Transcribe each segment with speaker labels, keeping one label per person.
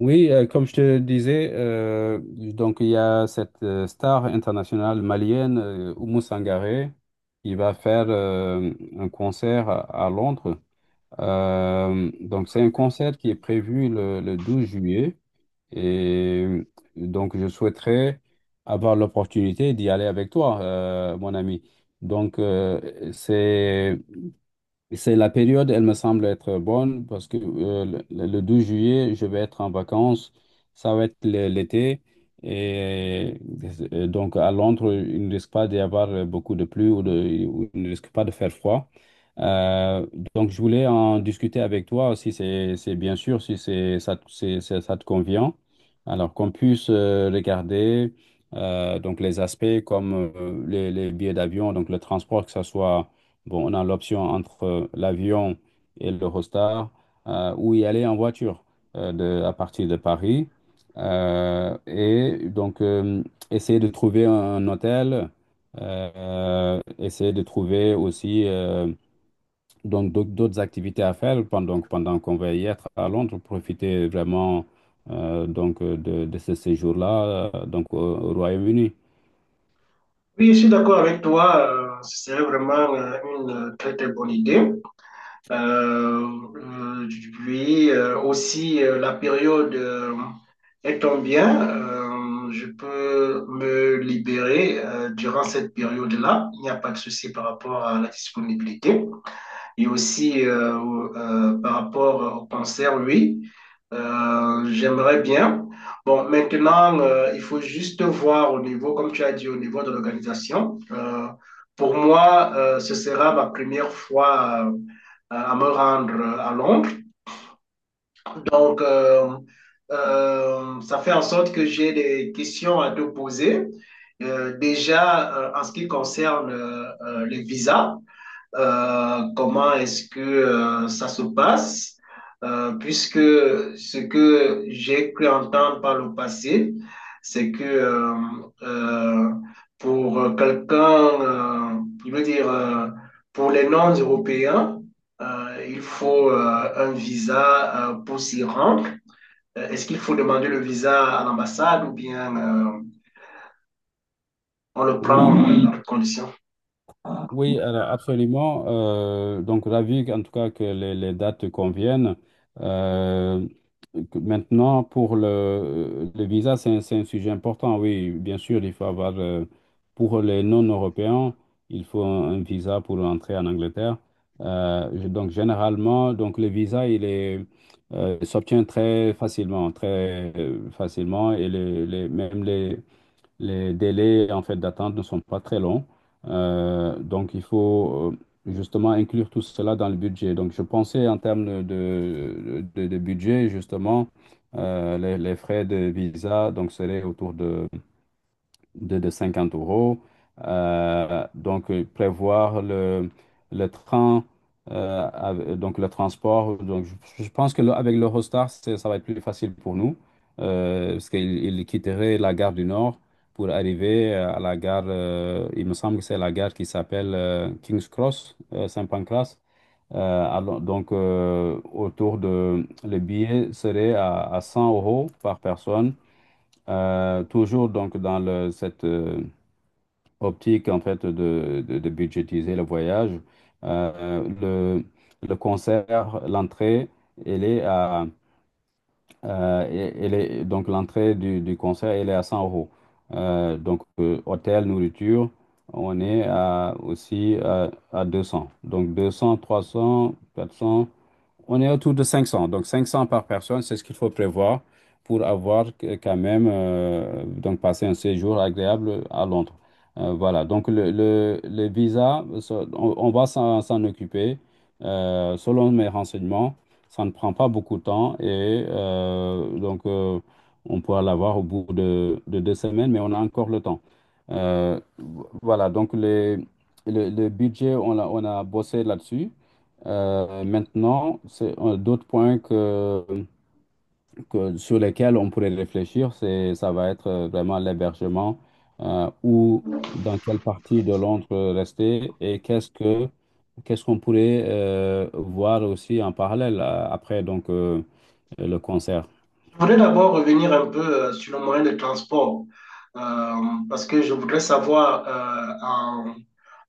Speaker 1: Oui, comme je te disais, donc il y a cette star internationale malienne, Oumou Sangaré, qui va faire un concert à Londres. Donc c'est un concert qui est prévu le 12 juillet et donc je souhaiterais avoir l'opportunité d'y aller avec toi, mon ami. Donc c'est la période, elle me semble être bonne parce que le juillet, je vais être en vacances. Ça va être l'été. Et, donc à Londres, il ne risque pas d'y avoir beaucoup de pluie ou il ne risque pas de faire froid. Euh, donc je voulais en discuter avec toi si c'est bien sûr, si c'est ça, ça te convient. Alors qu'on puisse regarder donc les aspects comme les billets d'avion, donc le transport, que ce soit. Bon, on a l'option entre l'avion et l'Eurostar ou y aller en voiture à partir de Paris. Et donc, essayer de trouver un hôtel, essayer de trouver aussi donc d'autres activités à faire pendant qu'on va y être à Londres, profiter vraiment donc de ce séjour-là donc au Royaume-Uni.
Speaker 2: Oui, je suis d'accord avec toi. C'est vraiment une très très bonne idée. Euh, euh, Puis aussi la période étant bien, je peux me libérer durant cette période-là. Il n'y a pas de souci par rapport à la disponibilité. Et aussi par rapport au cancer, oui, j'aimerais bien. Bon, maintenant, il faut juste voir au niveau, comme tu as dit, au niveau de l'organisation. Pour moi, ce sera ma première fois à me rendre à Londres. Donc, ça fait en sorte que j'ai des questions à te poser. Déjà, en ce qui concerne les visas. Comment est-ce que ça se passe? Puisque ce que j'ai cru entendre par le passé, c'est que euh, pour quelqu'un, je veux dire, pour les non-européens, il faut un visa pour s'y rendre. Est-ce qu'il faut demander le visa à l'ambassade ou bien on le prend
Speaker 1: Oui,
Speaker 2: dans quelles conditions?
Speaker 1: oui, alors absolument. Donc, ravi en tout cas que les dates conviennent. Euh, Maintenant, pour le visa, c'est un sujet important. Oui, bien sûr, il faut avoir, pour les non-européens, il faut un visa pour entrer en Angleterre. Donc, généralement, donc, le visa, il est, s'obtient très facilement, et même les délais en fait d'attente ne sont pas très longs. Donc il faut justement inclure tout cela dans le budget. Donc je pensais en termes de budget, justement, les frais de visa donc seraient autour de 50 euros. Donc, prévoir le train, donc le transport. Donc, je pense que avec l'Eurostar, ça va être plus facile pour nous, parce qu'il quitterait la gare du Nord pour arriver à la gare, il me semble que c'est la gare qui s'appelle King's Cross, Saint-Pancras. Alors, donc, le billet serait à 100 euros par personne. Toujours donc dans cette, optique en fait de budgétiser le voyage. Euh, le, le concert, l'entrée, elle est à, euh, donc l'entrée du concert, elle est à 100 euros. Donc hôtel, nourriture, on est à, aussi à 200. Donc 200, 300, 400. On est autour de 500. Donc 500 par personne, c'est ce qu'il faut prévoir pour avoir quand même donc passer un séjour agréable à Londres. Voilà. Donc le visa, ça, on va s'en occuper. Selon mes renseignements, ça ne prend pas beaucoup de temps et donc on pourra l'avoir au bout de 2 semaines, mais on a encore le temps. Euh, voilà. Donc le budget, on a bossé là-dessus. Maintenant, d'autres points sur lesquels on pourrait réfléchir, c'est ça va être vraiment l'hébergement, ou dans quelle partie de Londres rester et qu'est-ce qu'on pourrait voir aussi en parallèle après donc le concert.
Speaker 2: Je voudrais d'abord revenir un peu sur le moyen de transport, euh, parce que je voudrais savoir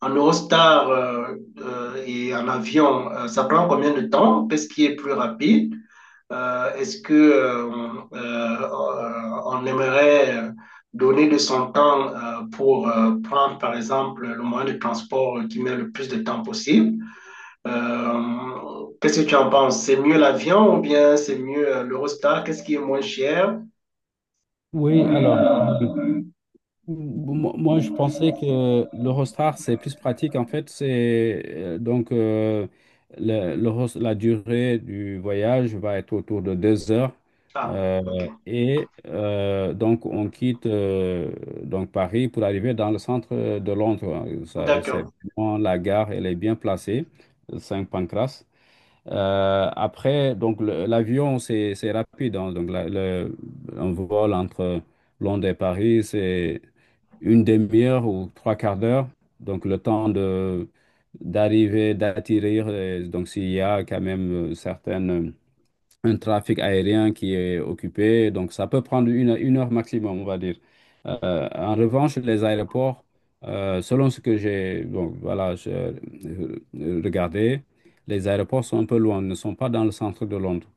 Speaker 2: en Eurostar et en avion, ça prend combien de temps? Qu'est-ce qui est plus rapide? Est-ce que on aimerait donner de son temps pour prendre, par exemple, le moyen de transport qui met le plus de temps possible? Qu'est-ce que tu en penses? C'est mieux l'avion ou bien c'est mieux l'Eurostar? Qu'est-ce qui est moins cher?
Speaker 1: Oui, alors. Bon, moi, moi, je pensais que l'Eurostar, c'est plus pratique. En fait, c'est donc la durée du voyage va être autour de 2 heures.
Speaker 2: Ah,
Speaker 1: Euh,
Speaker 2: ok.
Speaker 1: et donc, on quitte donc Paris pour arriver dans le centre de Londres. Ça, c'est
Speaker 2: D'accord.
Speaker 1: vraiment la gare, elle est bien placée, Saint-Pancras. Après, donc l'avion, c'est rapide, hein. Donc un vol entre Londres et Paris, c'est une demi-heure ou trois quarts d'heure. Donc le temps de d'arriver, d'atterrir. Et donc s'il y a quand même certaines un trafic aérien qui est occupé. Donc, ça peut prendre une heure maximum, on va dire. En revanche, les aéroports, selon ce que j'ai bon, voilà, j'ai regardé, les aéroports sont un peu loin, ne sont pas dans le centre de Londres.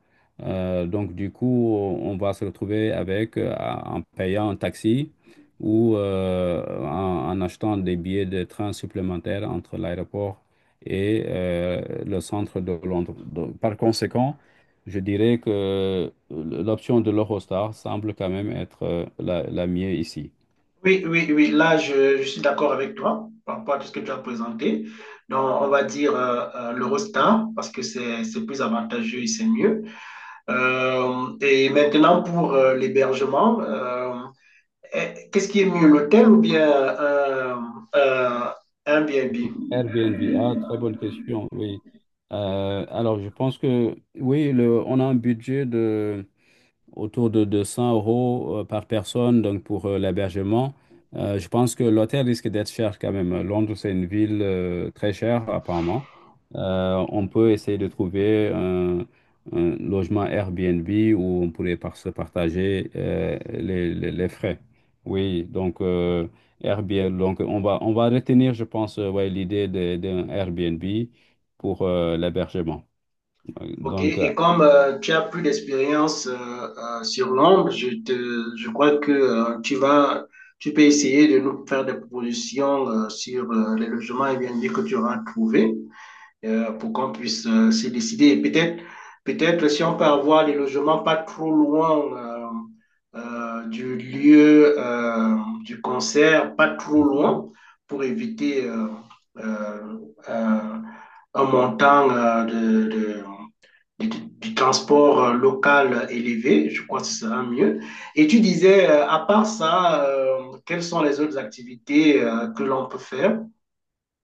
Speaker 1: Donc, du coup, on va se retrouver avec, en payant un taxi ou en achetant des billets de train supplémentaires entre l'aéroport et le centre de Londres. Donc, par conséquent, je dirais que l'option de l'Eurostar semble quand même être la mieux ici.
Speaker 2: Oui, oui, oui. Là, je suis d'accord avec toi par rapport à tout ce que tu as présenté. Donc, on va dire l'Eurostar parce que c'est plus avantageux et c'est mieux. Et maintenant, pour l'hébergement, qu'est-ce qui est mieux, l'hôtel ou bien euh, un Airbnb?
Speaker 1: Airbnb, ah, très bonne question, oui. Alors, je pense que, oui, on a un budget autour de 200 euros par personne, donc pour l'hébergement. Je pense que l'hôtel risque d'être cher quand même. Londres, c'est une ville très chère, apparemment. On peut essayer de trouver un logement Airbnb où on pourrait se partager les frais. Oui, donc Airbnb, donc on va retenir, je pense, ouais, l'idée d'un Airbnb pour l'hébergement.
Speaker 2: Ok,
Speaker 1: Donc,
Speaker 2: et comme tu as plus d'expérience sur l'ombre, je crois que tu peux essayer de nous faire des propositions sur les logements Airbnb que tu auras trouvé pour qu'on puisse se décider. Et peut-être, peut-être si on peut avoir des logements pas trop loin du lieu du concert, pas trop
Speaker 1: euh,
Speaker 2: loin, pour éviter euh, euh, un montant de du, du transport local élevé, je crois que ce sera mieux. Et tu disais, à part ça, quelles sont les autres activités que l'on peut faire?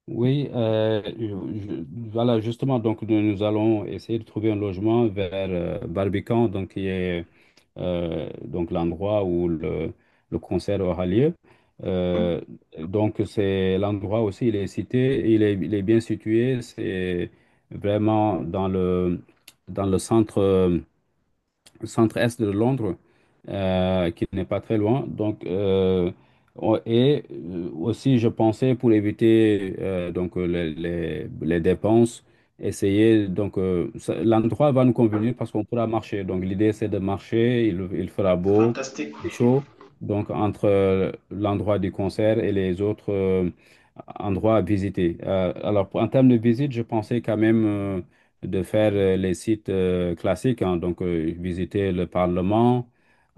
Speaker 1: oui, voilà, justement, donc nous, nous allons essayer de trouver un logement vers Barbican, donc qui est donc l'endroit où le concert aura lieu.
Speaker 2: Hmm.
Speaker 1: Euh, donc c'est l'endroit aussi, il est cité, il est bien situé, c'est vraiment dans le centre-est de Londres, qui n'est pas très loin. Donc, et aussi, je pensais pour éviter donc les dépenses, essayer donc l'endroit va nous convenir parce qu'on pourra marcher. Donc, l'idée c'est de marcher. Il fera
Speaker 2: C'est
Speaker 1: beau
Speaker 2: fantastique.
Speaker 1: et chaud. Donc, entre l'endroit du concert et les autres endroits à visiter. Alors, en termes de visite, je pensais quand même de faire les sites classiques, hein, donc visiter le Parlement,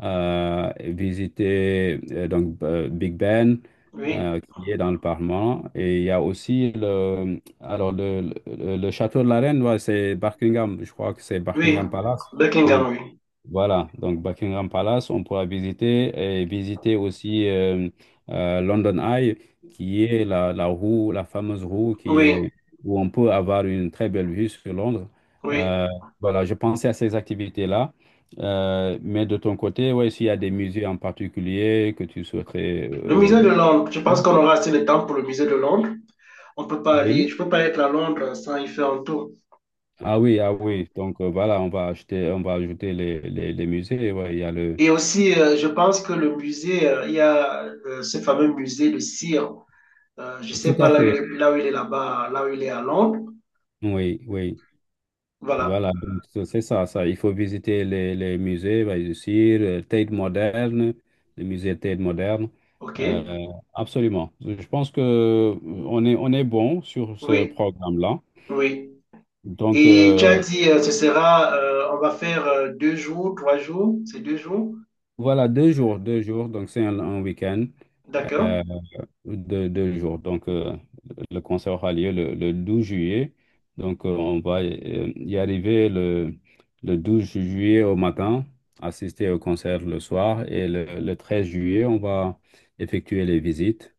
Speaker 1: visiter donc Big Ben,
Speaker 2: Oui,
Speaker 1: qui est dans le Parlement, et il y a aussi le alors le château de la Reine, ouais, c'est Buckingham, je crois que c'est
Speaker 2: oui,
Speaker 1: Buckingham Palace,
Speaker 2: Buckingham,
Speaker 1: oui.
Speaker 2: oui.
Speaker 1: Voilà, donc Buckingham Palace, on pourra visiter et visiter aussi London Eye, qui est la roue, la fameuse roue
Speaker 2: Oui,
Speaker 1: où on peut avoir une très belle vue sur Londres.
Speaker 2: oui.
Speaker 1: Euh, voilà, je pensais à ces activités-là. Mais de ton côté, ouais, s'il y a des musées en particulier que tu souhaiterais
Speaker 2: Le musée de Londres, je pense
Speaker 1: visiter.
Speaker 2: qu'on aura assez de temps pour le musée de Londres. On peut pas aller,
Speaker 1: Oui.
Speaker 2: je peux pas être à Londres sans y faire un tour.
Speaker 1: Ah oui, ah oui. Donc voilà, on va acheter, on va ajouter les musées. Ouais, il y a le.
Speaker 2: Et aussi, je pense que le musée, il y a ce fameux musée de cire. Je ne
Speaker 1: Tout
Speaker 2: sais pas
Speaker 1: à fait.
Speaker 2: là où il est là-bas, là où il est à Londres.
Speaker 1: Oui, oui.
Speaker 2: Voilà.
Speaker 1: Voilà, donc c'est ça, ça. Il faut visiter les musées, bien sûr, Tate moderne, le musée Tate moderne.
Speaker 2: OK.
Speaker 1: Euh, Absolument. Je pense que on est bon sur ce
Speaker 2: Oui,
Speaker 1: programme-là.
Speaker 2: oui.
Speaker 1: Donc,
Speaker 2: Et tu as dit, ce sera, on va faire deux jours, trois jours, c'est deux jours.
Speaker 1: voilà, 2 jours, 2 jours. Donc, c'est un week-end.
Speaker 2: D'accord.
Speaker 1: Euh, 2, 2 jours. Donc, le concert aura lieu le 12 juillet. Donc, on va y arriver le 12 juillet au matin, assister au concert le soir. Et le 13 juillet, on va effectuer les visites.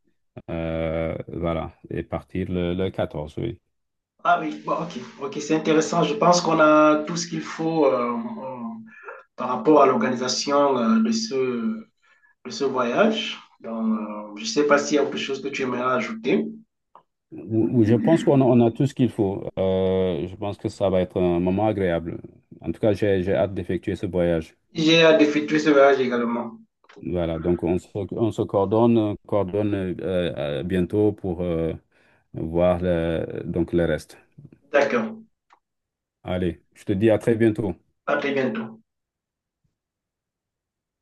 Speaker 1: Voilà. Et partir le 14, oui.
Speaker 2: Ah oui, bon, OK. OK, c'est intéressant. Je pense qu'on a tout ce qu'il faut par rapport à l'organisation de ce voyage. Donc, je ne sais pas s'il y a autre chose que tu aimerais ajouter.
Speaker 1: Oui, oui, je pense qu'on a tout ce qu'il faut. Je pense que ça va être un moment agréable. En tout cas, j'ai hâte d'effectuer ce voyage.
Speaker 2: J'ai hâte d'effectuer ce voyage également.
Speaker 1: Voilà, donc on se coordonne bientôt pour voir donc le reste.
Speaker 2: D'accord.
Speaker 1: Allez, je te dis à très bientôt.
Speaker 2: À très bientôt.